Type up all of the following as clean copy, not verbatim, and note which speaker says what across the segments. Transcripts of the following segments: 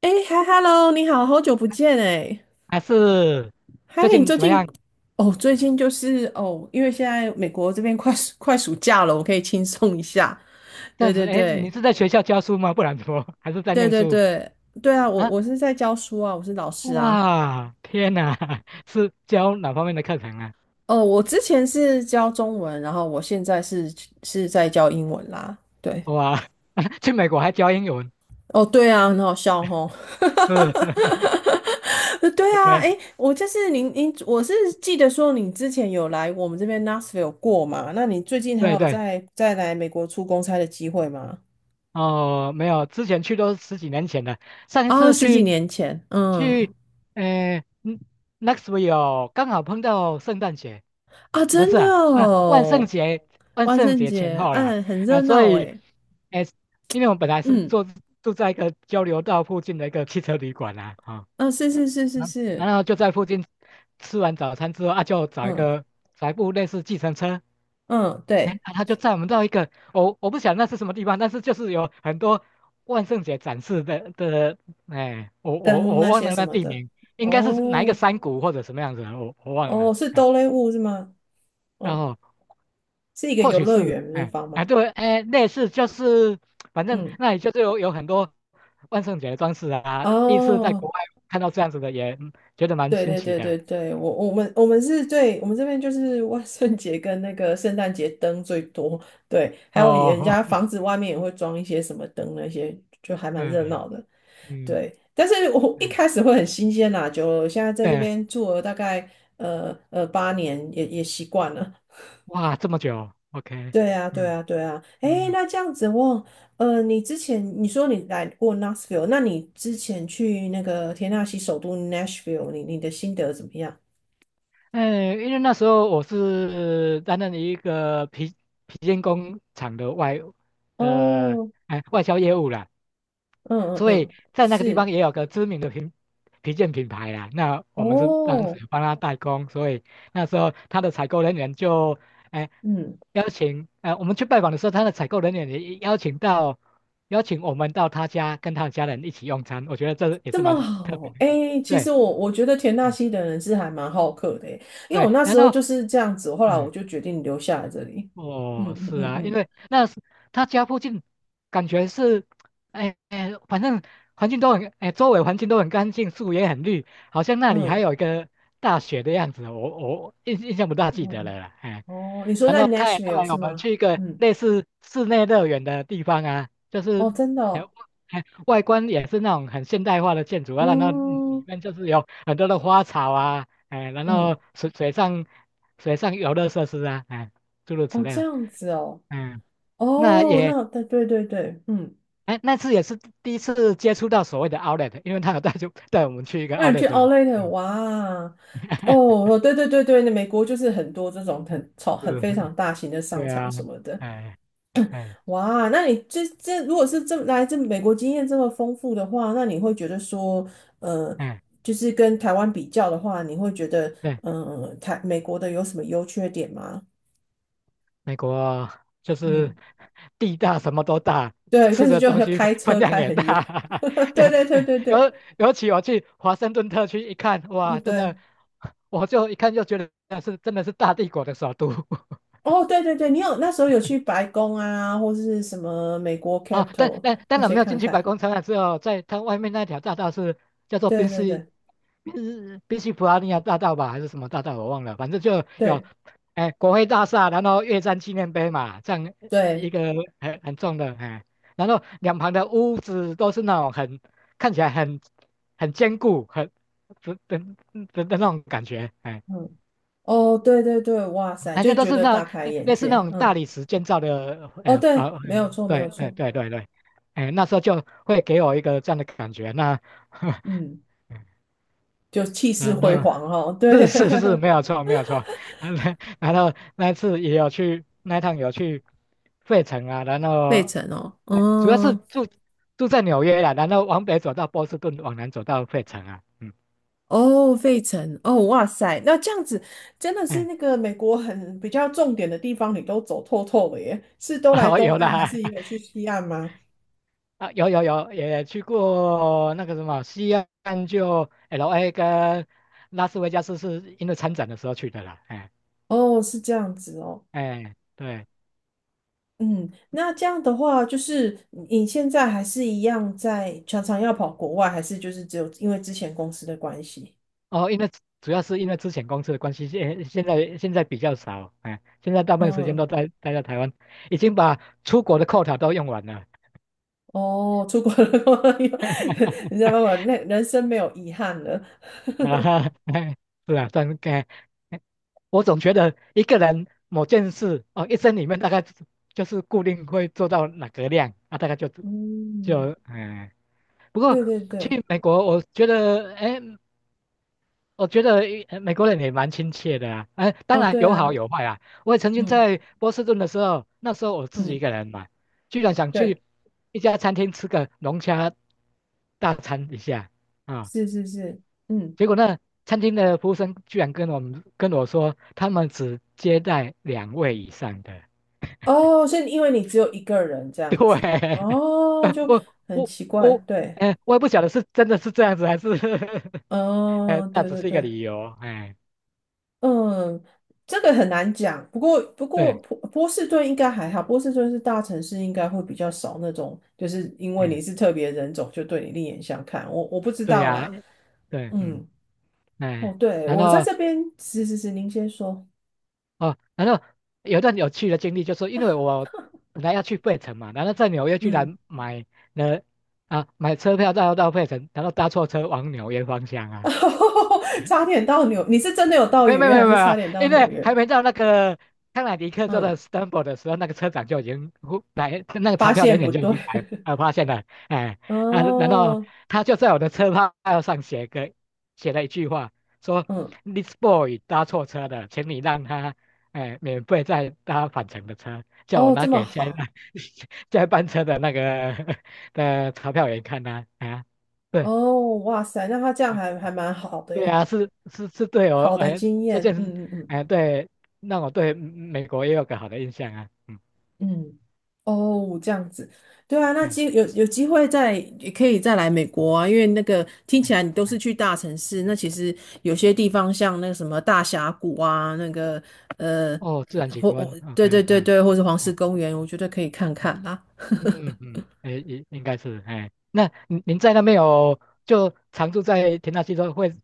Speaker 1: 哎，嗨，Hello，你好，好久不见哎。
Speaker 2: 还是
Speaker 1: 嗨，
Speaker 2: 最
Speaker 1: 你
Speaker 2: 近
Speaker 1: 最
Speaker 2: 怎么
Speaker 1: 近
Speaker 2: 样？
Speaker 1: 哦，最近就是哦，因为现在美国这边快暑假了，我可以轻松一下。
Speaker 2: 这
Speaker 1: 对
Speaker 2: 样
Speaker 1: 对
Speaker 2: 子，哎，
Speaker 1: 对
Speaker 2: 你是在学校教书吗？不然怎么还是在
Speaker 1: 对
Speaker 2: 念
Speaker 1: 对
Speaker 2: 书
Speaker 1: 对，对啊，我
Speaker 2: 啊？
Speaker 1: 我是在教书啊，我是老师啊。
Speaker 2: 哇，天哪，是教哪方面的课程啊？
Speaker 1: 哦，我之前是教中文，然后我现在是在教英文啦。对，
Speaker 2: 哇，去美国还教英文，
Speaker 1: 哦，对啊，很好笑吼。
Speaker 2: 是
Speaker 1: 对啊，诶，
Speaker 2: ，OK，
Speaker 1: 我就是您，我是记得说你之前有来我们这边 Nashville 过嘛？那你最近还
Speaker 2: 对
Speaker 1: 有
Speaker 2: 对，
Speaker 1: 再来美国出公差的机会吗？
Speaker 2: 哦，没有，之前去都十几年前了。上一
Speaker 1: 啊，
Speaker 2: 次
Speaker 1: 十几
Speaker 2: 去
Speaker 1: 年前，嗯。
Speaker 2: 去，呃嗯 n e x v i e l e 刚好碰到圣诞节。
Speaker 1: 啊，
Speaker 2: 不
Speaker 1: 真
Speaker 2: 是
Speaker 1: 的
Speaker 2: 啊，啊万圣
Speaker 1: 哦。
Speaker 2: 节，万
Speaker 1: 万
Speaker 2: 圣
Speaker 1: 圣
Speaker 2: 节前
Speaker 1: 节，
Speaker 2: 后啦，
Speaker 1: 嗯，很
Speaker 2: 啊，
Speaker 1: 热
Speaker 2: 所
Speaker 1: 闹
Speaker 2: 以，
Speaker 1: 诶。
Speaker 2: 哎，因为我们本来是
Speaker 1: 嗯，
Speaker 2: 住在一个交流道附近的一个汽车旅馆啦，啊，
Speaker 1: 啊，是是是是
Speaker 2: 然
Speaker 1: 是。
Speaker 2: 然后就在附近吃完早餐之后啊，就找一
Speaker 1: 嗯
Speaker 2: 个找一部类似计程车，
Speaker 1: 嗯，
Speaker 2: 哎，
Speaker 1: 对，
Speaker 2: 啊他就载我们到一个，我不晓得那是什么地方，但是就是有很多万圣节展示的，哎，我我
Speaker 1: 灯
Speaker 2: 我
Speaker 1: 那
Speaker 2: 忘
Speaker 1: 些
Speaker 2: 了
Speaker 1: 什
Speaker 2: 那
Speaker 1: 么
Speaker 2: 地
Speaker 1: 的。
Speaker 2: 名，应该是哪一个
Speaker 1: 哦
Speaker 2: 山谷或者什么样子，我忘了，
Speaker 1: 哦，是
Speaker 2: 哎，
Speaker 1: 哆啦 A 梦是吗？
Speaker 2: 然
Speaker 1: 嗯，
Speaker 2: 后。
Speaker 1: 是一个
Speaker 2: 或
Speaker 1: 游
Speaker 2: 许
Speaker 1: 乐
Speaker 2: 是，
Speaker 1: 园的地
Speaker 2: 哎
Speaker 1: 方
Speaker 2: 哎
Speaker 1: 吗？
Speaker 2: 对，哎类似就是，反正
Speaker 1: 嗯，
Speaker 2: 那里就是有很多万圣节的装饰啊。第一次在
Speaker 1: 哦。
Speaker 2: 国外看到这样子的也，嗯觉得蛮
Speaker 1: 对
Speaker 2: 新
Speaker 1: 对
Speaker 2: 奇
Speaker 1: 对
Speaker 2: 的。
Speaker 1: 对对，我们这边就是万圣节跟那个圣诞节灯最多，对，还有人
Speaker 2: 哦，
Speaker 1: 家房子外面也会装一些什么灯那些，就还 蛮
Speaker 2: 对，
Speaker 1: 热闹的，
Speaker 2: 嗯
Speaker 1: 对。但是我一
Speaker 2: 嗯，
Speaker 1: 开始会很新鲜啦，就了，现在在这
Speaker 2: 对，
Speaker 1: 边住了大概8年，也也习惯了。
Speaker 2: 哇，这么久，OK，
Speaker 1: 对啊，对
Speaker 2: 嗯
Speaker 1: 啊，对啊。诶，
Speaker 2: 嗯。
Speaker 1: 那这样子我。你之前你说你来过 n a s h v i l l e 那你之前去那个田纳西首都 Nashville,你你的心得怎么样？
Speaker 2: 嗯，因为那时候我是担任一个皮皮件工厂的外的
Speaker 1: 哦，
Speaker 2: 哎外销业务啦，
Speaker 1: 嗯嗯
Speaker 2: 所以
Speaker 1: 嗯，
Speaker 2: 在那个地方
Speaker 1: 是
Speaker 2: 也有个知名的皮皮件品牌啦。那我们是当
Speaker 1: 哦，
Speaker 2: 时帮他代工，所以那时候他的采购人员就哎
Speaker 1: 嗯。
Speaker 2: 邀请我们去拜访的时候，他的采购人员也邀请到邀请我们到他家跟他的家人一起用餐，我觉得这也
Speaker 1: 这
Speaker 2: 是
Speaker 1: 么
Speaker 2: 蛮特别
Speaker 1: 好
Speaker 2: 的一个
Speaker 1: 哎，其实
Speaker 2: 对。
Speaker 1: 我觉得田
Speaker 2: 嗯
Speaker 1: 纳西的人是还蛮好客的，诶因为我
Speaker 2: 对，
Speaker 1: 那
Speaker 2: 然
Speaker 1: 时候
Speaker 2: 后
Speaker 1: 就是这样子，后来我
Speaker 2: 嗯
Speaker 1: 就决定留下来这里。嗯
Speaker 2: 哦，
Speaker 1: 嗯
Speaker 2: 是
Speaker 1: 嗯
Speaker 2: 啊，因
Speaker 1: 嗯
Speaker 2: 为那是他家附近，感觉是，哎哎，反正环境都很，哎，周围环境都很干净，树也很绿，好像那里还
Speaker 1: 嗯
Speaker 2: 有一个大学的样子，我印象不大
Speaker 1: 嗯
Speaker 2: 记得了
Speaker 1: 嗯，
Speaker 2: 啦，哎，
Speaker 1: 哦，你说
Speaker 2: 然
Speaker 1: 在
Speaker 2: 后他也带
Speaker 1: Nashville 是
Speaker 2: 我们
Speaker 1: 吗？
Speaker 2: 去一个
Speaker 1: 嗯，
Speaker 2: 类似室内乐园的地方啊，就
Speaker 1: 哦，
Speaker 2: 是，
Speaker 1: 真的
Speaker 2: 哎
Speaker 1: 哦，
Speaker 2: 哎，外观也是那种很现代化的建筑啊，然后里里
Speaker 1: 嗯
Speaker 2: 面就是有很多的花草啊，哎，然
Speaker 1: 嗯，
Speaker 2: 后水上游乐设施啊，哎，诸如此
Speaker 1: 哦，
Speaker 2: 类
Speaker 1: 这
Speaker 2: 的。
Speaker 1: 样子哦，
Speaker 2: 嗯，那
Speaker 1: 哦，
Speaker 2: 也，
Speaker 1: 那对对对对，嗯，
Speaker 2: 哎，那次也是第一次接触到所谓的 outlet,因为他有带就带我们去一个
Speaker 1: 那你
Speaker 2: outlet,
Speaker 1: 去 Outlet
Speaker 2: 嗯
Speaker 1: 哇，哦 哦，对对对对，那美国就是很多这种很超很
Speaker 2: 是，
Speaker 1: 非常大型的商
Speaker 2: 对
Speaker 1: 场
Speaker 2: 啊，
Speaker 1: 什么的。
Speaker 2: 哎哎
Speaker 1: 哇，那你这这如果是这来自美国经验这么丰富的话，那你会觉得说，呃，
Speaker 2: 哎，
Speaker 1: 就是跟台湾比较的话，你会觉得，
Speaker 2: 对，
Speaker 1: 嗯，台美国的有什么优缺点吗？
Speaker 2: 美国就是
Speaker 1: 嗯，
Speaker 2: 地大什么都大，
Speaker 1: 对，
Speaker 2: 吃
Speaker 1: 但是
Speaker 2: 的
Speaker 1: 就
Speaker 2: 东
Speaker 1: 要
Speaker 2: 西
Speaker 1: 开
Speaker 2: 分
Speaker 1: 车
Speaker 2: 量
Speaker 1: 开
Speaker 2: 也
Speaker 1: 很远。
Speaker 2: 大，也
Speaker 1: 对对对
Speaker 2: 哎
Speaker 1: 对
Speaker 2: 尤
Speaker 1: 对，
Speaker 2: 尤其我去华盛顿特区一看，
Speaker 1: 哦
Speaker 2: 哇，真的，
Speaker 1: 对，
Speaker 2: 我就一看就觉得那是真的是大帝国的首都，
Speaker 1: 哦对对对，你有那时候有去白宫啊，或是什么美国 c a p
Speaker 2: 哦，
Speaker 1: i t a
Speaker 2: 但
Speaker 1: l
Speaker 2: 但当
Speaker 1: 那
Speaker 2: 然
Speaker 1: 些
Speaker 2: 没有
Speaker 1: 看
Speaker 2: 进去白
Speaker 1: 看。
Speaker 2: 宫参观，只有在它外面那条大道是叫做
Speaker 1: 对
Speaker 2: 宾
Speaker 1: 对
Speaker 2: 夕
Speaker 1: 对
Speaker 2: 宾夕普拉尼亚大道吧，还是什么大道我忘了，反正就有，
Speaker 1: 对。
Speaker 2: 哎，国会大厦，然后越战纪念碑嘛，这样一
Speaker 1: 对，
Speaker 2: 个很重的，哎，然后两旁的屋子都是那种很看起来很坚固、很的的的的那种感觉，哎。
Speaker 1: 嗯，哦，对对对，哇塞，
Speaker 2: 好
Speaker 1: 就
Speaker 2: 像都
Speaker 1: 觉
Speaker 2: 是
Speaker 1: 得
Speaker 2: 那
Speaker 1: 大开 眼
Speaker 2: 类似那
Speaker 1: 界，
Speaker 2: 种大
Speaker 1: 嗯，
Speaker 2: 理石建造的，
Speaker 1: 哦，
Speaker 2: 呃哎啊，
Speaker 1: 对，没有
Speaker 2: 嗯
Speaker 1: 错，没
Speaker 2: 对，
Speaker 1: 有
Speaker 2: 哎
Speaker 1: 错，
Speaker 2: 对对对，哎那时候就会给我一个这样的感觉，那
Speaker 1: 嗯，就气势
Speaker 2: 然
Speaker 1: 辉
Speaker 2: 后
Speaker 1: 煌哦，对，
Speaker 2: 是是是没有错没有错，然后那一次也有去那一趟有去费城啊，然
Speaker 1: 费
Speaker 2: 后
Speaker 1: 城哦，
Speaker 2: 哎主要是
Speaker 1: 嗯，
Speaker 2: 住在纽约啦，然后往北走到波士顿，往南走到费城啊，嗯
Speaker 1: 哦，费城，哦，哇塞，那这样子真的是
Speaker 2: 哎
Speaker 1: 那个美国很比较重点的地方，你都走透透了耶，是 都来
Speaker 2: 啊、
Speaker 1: 东
Speaker 2: 有
Speaker 1: 岸，还
Speaker 2: 啦，
Speaker 1: 是也有去西岸吗？
Speaker 2: 啊，有有有，也去过那个什么西岸，就 LA 跟拉斯维加斯，是因为参展的时候去的啦。哎
Speaker 1: 哦，是这样子哦，
Speaker 2: 哎，对，
Speaker 1: 嗯，那这样的话，就是你现在还是一样在常常要跑国外，还是就是只有因为之前公司的关系？
Speaker 2: 哦，因为主要是因为之前公司的关系，现在比较少，哎，现在大部分时间
Speaker 1: 嗯，
Speaker 2: 都待在台湾，已经把出国的 quota 都用完了。
Speaker 1: 哦，出国了，你 知道吗？那人生没有遗憾了。
Speaker 2: 啊哈，哎，是啊，但哎，哎我总觉得一个人某件事哦，一生里面大概就是固定会做到哪个量啊，大概就就
Speaker 1: 嗯，
Speaker 2: 嗯。哎不过
Speaker 1: 对对对，
Speaker 2: 去美国，我觉得，哎，我觉得美国人也蛮亲切的啊。哎，当
Speaker 1: 哦，
Speaker 2: 然
Speaker 1: 对
Speaker 2: 有好
Speaker 1: 啊，
Speaker 2: 有坏啊。我也曾经
Speaker 1: 嗯
Speaker 2: 在波士顿的时候，那时候我自己一
Speaker 1: 嗯，
Speaker 2: 个人嘛，居然想
Speaker 1: 对，
Speaker 2: 去一家餐厅吃个龙虾大餐一下啊。
Speaker 1: 是是是，嗯，
Speaker 2: 结果那餐厅的服务生居然跟我们跟我说，他们只接待两位以上的。
Speaker 1: 哦，是因为你只有一个人这
Speaker 2: 对，
Speaker 1: 样子，哦，就
Speaker 2: 我
Speaker 1: 很
Speaker 2: 我
Speaker 1: 奇怪，
Speaker 2: 我，
Speaker 1: 对，
Speaker 2: 哎，我也不晓得是真的是这样子还是 哎，
Speaker 1: 哦，
Speaker 2: 那
Speaker 1: 对
Speaker 2: 只
Speaker 1: 对
Speaker 2: 是一个
Speaker 1: 对。
Speaker 2: 理由，哎，
Speaker 1: 嗯，这个很难讲。不过，不过
Speaker 2: 对，
Speaker 1: 波士顿应该还好，波士顿是大城市，应该会比较少那种，就是因为你
Speaker 2: 嗯，
Speaker 1: 是特别人种，就对你另眼相看。我不知
Speaker 2: 对
Speaker 1: 道
Speaker 2: 呀、
Speaker 1: 啦。
Speaker 2: 对，嗯，
Speaker 1: 嗯，哦，
Speaker 2: 哎，
Speaker 1: 对，
Speaker 2: 然
Speaker 1: 我在
Speaker 2: 后
Speaker 1: 这边，是是是，您先说。
Speaker 2: 哦，然后有一段有趣的经历，就是因为我本来要去费城嘛，然后在纽约居
Speaker 1: 嗯，
Speaker 2: 然买了啊买车票到费城，然后搭错车往纽约方向啊。
Speaker 1: 差点到纽，你是真的有到
Speaker 2: 没有
Speaker 1: 纽
Speaker 2: 没有
Speaker 1: 约，
Speaker 2: 没
Speaker 1: 还
Speaker 2: 有没
Speaker 1: 是差
Speaker 2: 有，
Speaker 1: 点到
Speaker 2: 因
Speaker 1: 纽
Speaker 2: 为还
Speaker 1: 约？
Speaker 2: 没到那个康乃狄克州的
Speaker 1: 嗯，
Speaker 2: s t a m f o r 的时候，那个车长就已经呼来，那个查
Speaker 1: 发
Speaker 2: 票人
Speaker 1: 现不
Speaker 2: 员就已
Speaker 1: 对。
Speaker 2: 经来发现了，哎 啊，然后
Speaker 1: 哦，
Speaker 2: 他就在我的车票上写个写了一句话，说
Speaker 1: 嗯，
Speaker 2: This boy 搭错车了，请你让他哎免费再搭返程的车，叫我
Speaker 1: 哦，
Speaker 2: 拿
Speaker 1: 这么
Speaker 2: 给下一
Speaker 1: 好。
Speaker 2: 班 下一班车的那个 的查票员看呐啊，对，
Speaker 1: 哦，哇塞，那他这样还还蛮好的
Speaker 2: 对
Speaker 1: 耶，
Speaker 2: 啊，是是是对哦，
Speaker 1: 好的
Speaker 2: 哎
Speaker 1: 经
Speaker 2: 这
Speaker 1: 验。
Speaker 2: 件事
Speaker 1: 嗯嗯嗯。
Speaker 2: 哎对，让我对美国也有个好的印象啊，嗯
Speaker 1: 嗯，哦，这样子，对啊，那机
Speaker 2: 嗯
Speaker 1: 有机会再也可以再来美国啊，因为那个听起
Speaker 2: 嗯
Speaker 1: 来你都
Speaker 2: 嗯，
Speaker 1: 是去大城市，那其实有些地方像那个什么大峡谷啊，那个呃，
Speaker 2: 哦，自然景
Speaker 1: 或、
Speaker 2: 观
Speaker 1: 哦、对
Speaker 2: ，OK,
Speaker 1: 对
Speaker 2: 嗯
Speaker 1: 对
Speaker 2: 嗯
Speaker 1: 对，或是黄石公园，我觉得可以看看啊。
Speaker 2: 嗯嗯，哎应该是哎，那您您在那边有就常住在田纳西州会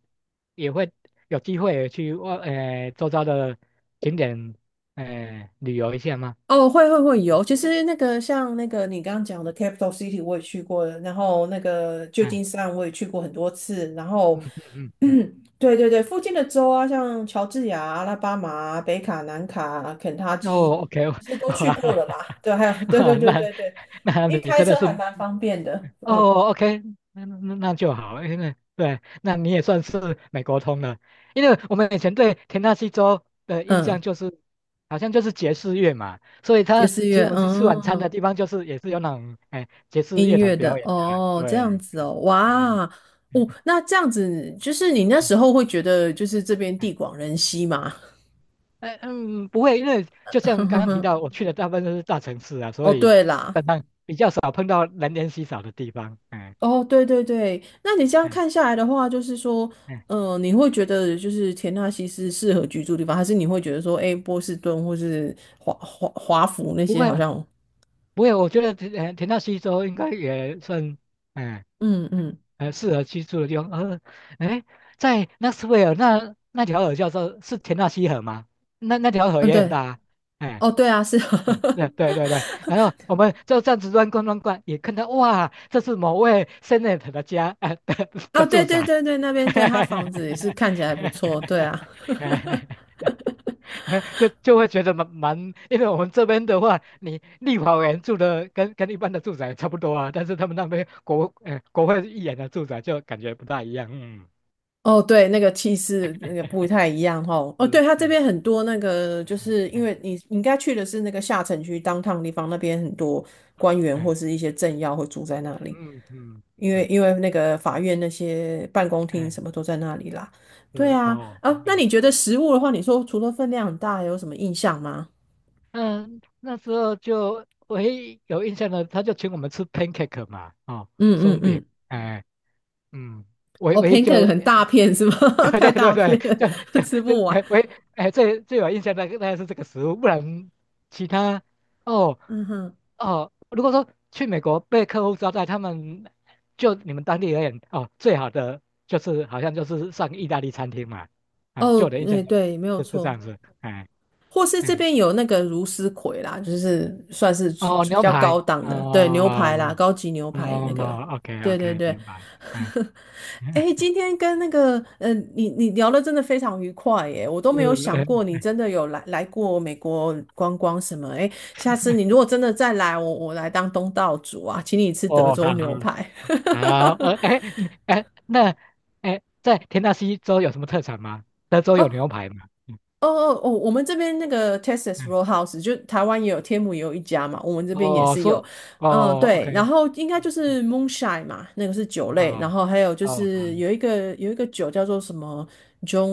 Speaker 2: 也会有机会去外哎周遭的景点哎旅游一下吗？
Speaker 1: 哦，会有。其实那个像那个你刚刚讲的 Capital City 我也去过了，然后那个旧
Speaker 2: 哎
Speaker 1: 金山我也去过很多次，然后，
Speaker 2: 嗯嗯 嗯
Speaker 1: 对对对，附近的州啊，像乔治亚、阿拉巴马、北卡、南卡、肯塔
Speaker 2: 嗯，
Speaker 1: 基，
Speaker 2: 哦，OK,
Speaker 1: 其实 都去过
Speaker 2: 哇。
Speaker 1: 了啦。对，还有对对
Speaker 2: 哇，
Speaker 1: 对
Speaker 2: 那
Speaker 1: 对对，
Speaker 2: 那
Speaker 1: 因为
Speaker 2: 你
Speaker 1: 开
Speaker 2: 真的
Speaker 1: 车
Speaker 2: 是
Speaker 1: 还蛮方便的。嗯
Speaker 2: 哦，OK,那那那就好，因为对，那你也算是美国通了，因为我们以前对田纳西州的印象
Speaker 1: 嗯，
Speaker 2: 就是好像就是爵士乐嘛，所以
Speaker 1: 爵
Speaker 2: 他
Speaker 1: 士
Speaker 2: 请我
Speaker 1: 乐，
Speaker 2: 们去吃晚餐的
Speaker 1: 嗯。
Speaker 2: 地方就是也是有那种哎爵士
Speaker 1: 音
Speaker 2: 乐团
Speaker 1: 乐的
Speaker 2: 表演的啊
Speaker 1: 哦，这
Speaker 2: 对，
Speaker 1: 样子哦，哇，
Speaker 2: 嗯。嗯
Speaker 1: 哦，那这样子就是你那
Speaker 2: 呃
Speaker 1: 时候会觉得就是这边地广人稀嘛，
Speaker 2: 嗯，不会，因为就像刚刚提 到，我去的大部分都是大城市啊，
Speaker 1: 哦，
Speaker 2: 所以基
Speaker 1: 对啦，
Speaker 2: 本上比较少碰到人烟稀少的地方。嗯
Speaker 1: 哦，对对对，那你这样
Speaker 2: 嗯
Speaker 1: 看下来的话，就是说，
Speaker 2: 嗯，
Speaker 1: 你会觉得就是田纳西是适合居住的地方，还是你会觉得说，哎，波士顿或是华府那
Speaker 2: 不
Speaker 1: 些
Speaker 2: 会
Speaker 1: 好像，
Speaker 2: 不会，我觉得田田纳西州应该也算，哎、
Speaker 1: 嗯
Speaker 2: 呃，
Speaker 1: 嗯
Speaker 2: 呃，适合居住的地方。呃，哎，在纳斯维尔那那条河叫做是田纳西河吗？那那条河
Speaker 1: 嗯，
Speaker 2: 也很
Speaker 1: 对，
Speaker 2: 大啊。哎、
Speaker 1: 哦，对啊，是。
Speaker 2: 对 对对对。然后我们就这样子乱逛乱逛，也看到哇，这是某位 Senator 的家，
Speaker 1: 啊，
Speaker 2: 的
Speaker 1: 对
Speaker 2: 住
Speaker 1: 对
Speaker 2: 宅。
Speaker 1: 对对，那边对他房子也是看起来不错，对啊。
Speaker 2: 就就会觉得蛮蛮，因为我们这边的话，你立法委员住的跟跟一般的住宅差不多啊，但是他们那边国国会议员的住宅就感觉不大一样，嗯，
Speaker 1: 哦，对，那个气势那个不太一样哦。哦，对，
Speaker 2: 是，
Speaker 1: 它这
Speaker 2: 嗯
Speaker 1: 边很多那个，就是因
Speaker 2: 嗯
Speaker 1: 为你你应该去的是那个下城区 d o w 地方，那边很多官员或是
Speaker 2: 嗯
Speaker 1: 一些政要会住在那里，
Speaker 2: 嗯嗯嗯，
Speaker 1: 因为
Speaker 2: 对，
Speaker 1: 因为那个法院那些办公厅什
Speaker 2: 嗯
Speaker 1: 么都在那里啦。对
Speaker 2: 是
Speaker 1: 啊，
Speaker 2: 哦，
Speaker 1: 啊，
Speaker 2: 明
Speaker 1: 那
Speaker 2: 白。
Speaker 1: 你觉得食物的话，你说除了分量很大，有什么印象吗？
Speaker 2: 嗯，那时候就唯一有印象的，他就请我们吃 pancake 嘛，哦，
Speaker 1: 嗯嗯
Speaker 2: 松饼，
Speaker 1: 嗯，
Speaker 2: 哎，嗯，唯
Speaker 1: 哦
Speaker 2: 唯一
Speaker 1: ，pancake
Speaker 2: 就
Speaker 1: 很大片是吗？
Speaker 2: 对
Speaker 1: 太
Speaker 2: 对对
Speaker 1: 大
Speaker 2: 对，
Speaker 1: 片了
Speaker 2: 就 就
Speaker 1: 吃不
Speaker 2: 就
Speaker 1: 完。
Speaker 2: 哎喂哎，最最有印象的大概是这个食物，不然其他哦
Speaker 1: 嗯哼，
Speaker 2: 哦，如果说去美国被客户招待，他们就你们当地而言哦，最好的就是好像就是上意大利餐厅嘛，啊，
Speaker 1: 哦，
Speaker 2: 就我的印象
Speaker 1: 对
Speaker 2: 中
Speaker 1: 对，没有
Speaker 2: 就是这
Speaker 1: 错。
Speaker 2: 样子，哎
Speaker 1: 或是这
Speaker 2: 哎
Speaker 1: 边有那个茹丝葵啦，就是算是
Speaker 2: 哦
Speaker 1: 比
Speaker 2: 牛
Speaker 1: 较高
Speaker 2: 排
Speaker 1: 档的，对，牛
Speaker 2: 哦
Speaker 1: 排啦，高级牛排那个，
Speaker 2: 哦，OK
Speaker 1: 对对
Speaker 2: OK
Speaker 1: 对。
Speaker 2: 明白，哎
Speaker 1: 哎 今天跟那个，你你聊的真的非常愉快耶，我都没有
Speaker 2: 是
Speaker 1: 想
Speaker 2: 哎
Speaker 1: 过你真的有来过美国观光什么，哎，下次你如果真的再来，我来当东道主啊，请你吃德
Speaker 2: 哦
Speaker 1: 州
Speaker 2: 好
Speaker 1: 牛
Speaker 2: 好。
Speaker 1: 排。
Speaker 2: 好，呃，哎，嗯哎，那，哎，在田纳西州有什么特产吗？德州有
Speaker 1: 哦，
Speaker 2: 牛排吗？嗯
Speaker 1: 哦哦哦，我们这边那个 Texas
Speaker 2: 嗯，
Speaker 1: Roadhouse 就台湾也有，天母也有一家嘛，我们这边也
Speaker 2: 哦，
Speaker 1: 是有，
Speaker 2: 说，
Speaker 1: 嗯，
Speaker 2: 哦
Speaker 1: 对，然
Speaker 2: ，OK,
Speaker 1: 后应该就
Speaker 2: 嗯
Speaker 1: 是 Moonshine 嘛，那个是酒类，
Speaker 2: 嗯
Speaker 1: 然
Speaker 2: 哦，
Speaker 1: 后还有就
Speaker 2: 哦，好，
Speaker 1: 是有一个酒叫做什么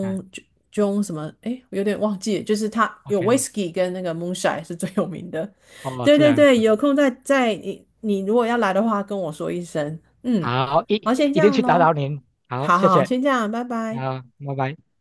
Speaker 2: 啊
Speaker 1: John 什么，诶，我有点忘记了，就是它有
Speaker 2: ，OK,
Speaker 1: Whisky 跟那个 Moonshine 是最有名的，
Speaker 2: 哦，
Speaker 1: 对
Speaker 2: 这
Speaker 1: 对
Speaker 2: 样
Speaker 1: 对，
Speaker 2: 子，
Speaker 1: 有空再你如果要来的话跟我说一声，嗯，
Speaker 2: 好，一
Speaker 1: 好，先这
Speaker 2: 一定
Speaker 1: 样
Speaker 2: 去打
Speaker 1: 喽，
Speaker 2: 扰您，好，
Speaker 1: 好
Speaker 2: 谢
Speaker 1: 好好，
Speaker 2: 谢，
Speaker 1: 先这样，拜拜。
Speaker 2: 好，拜拜。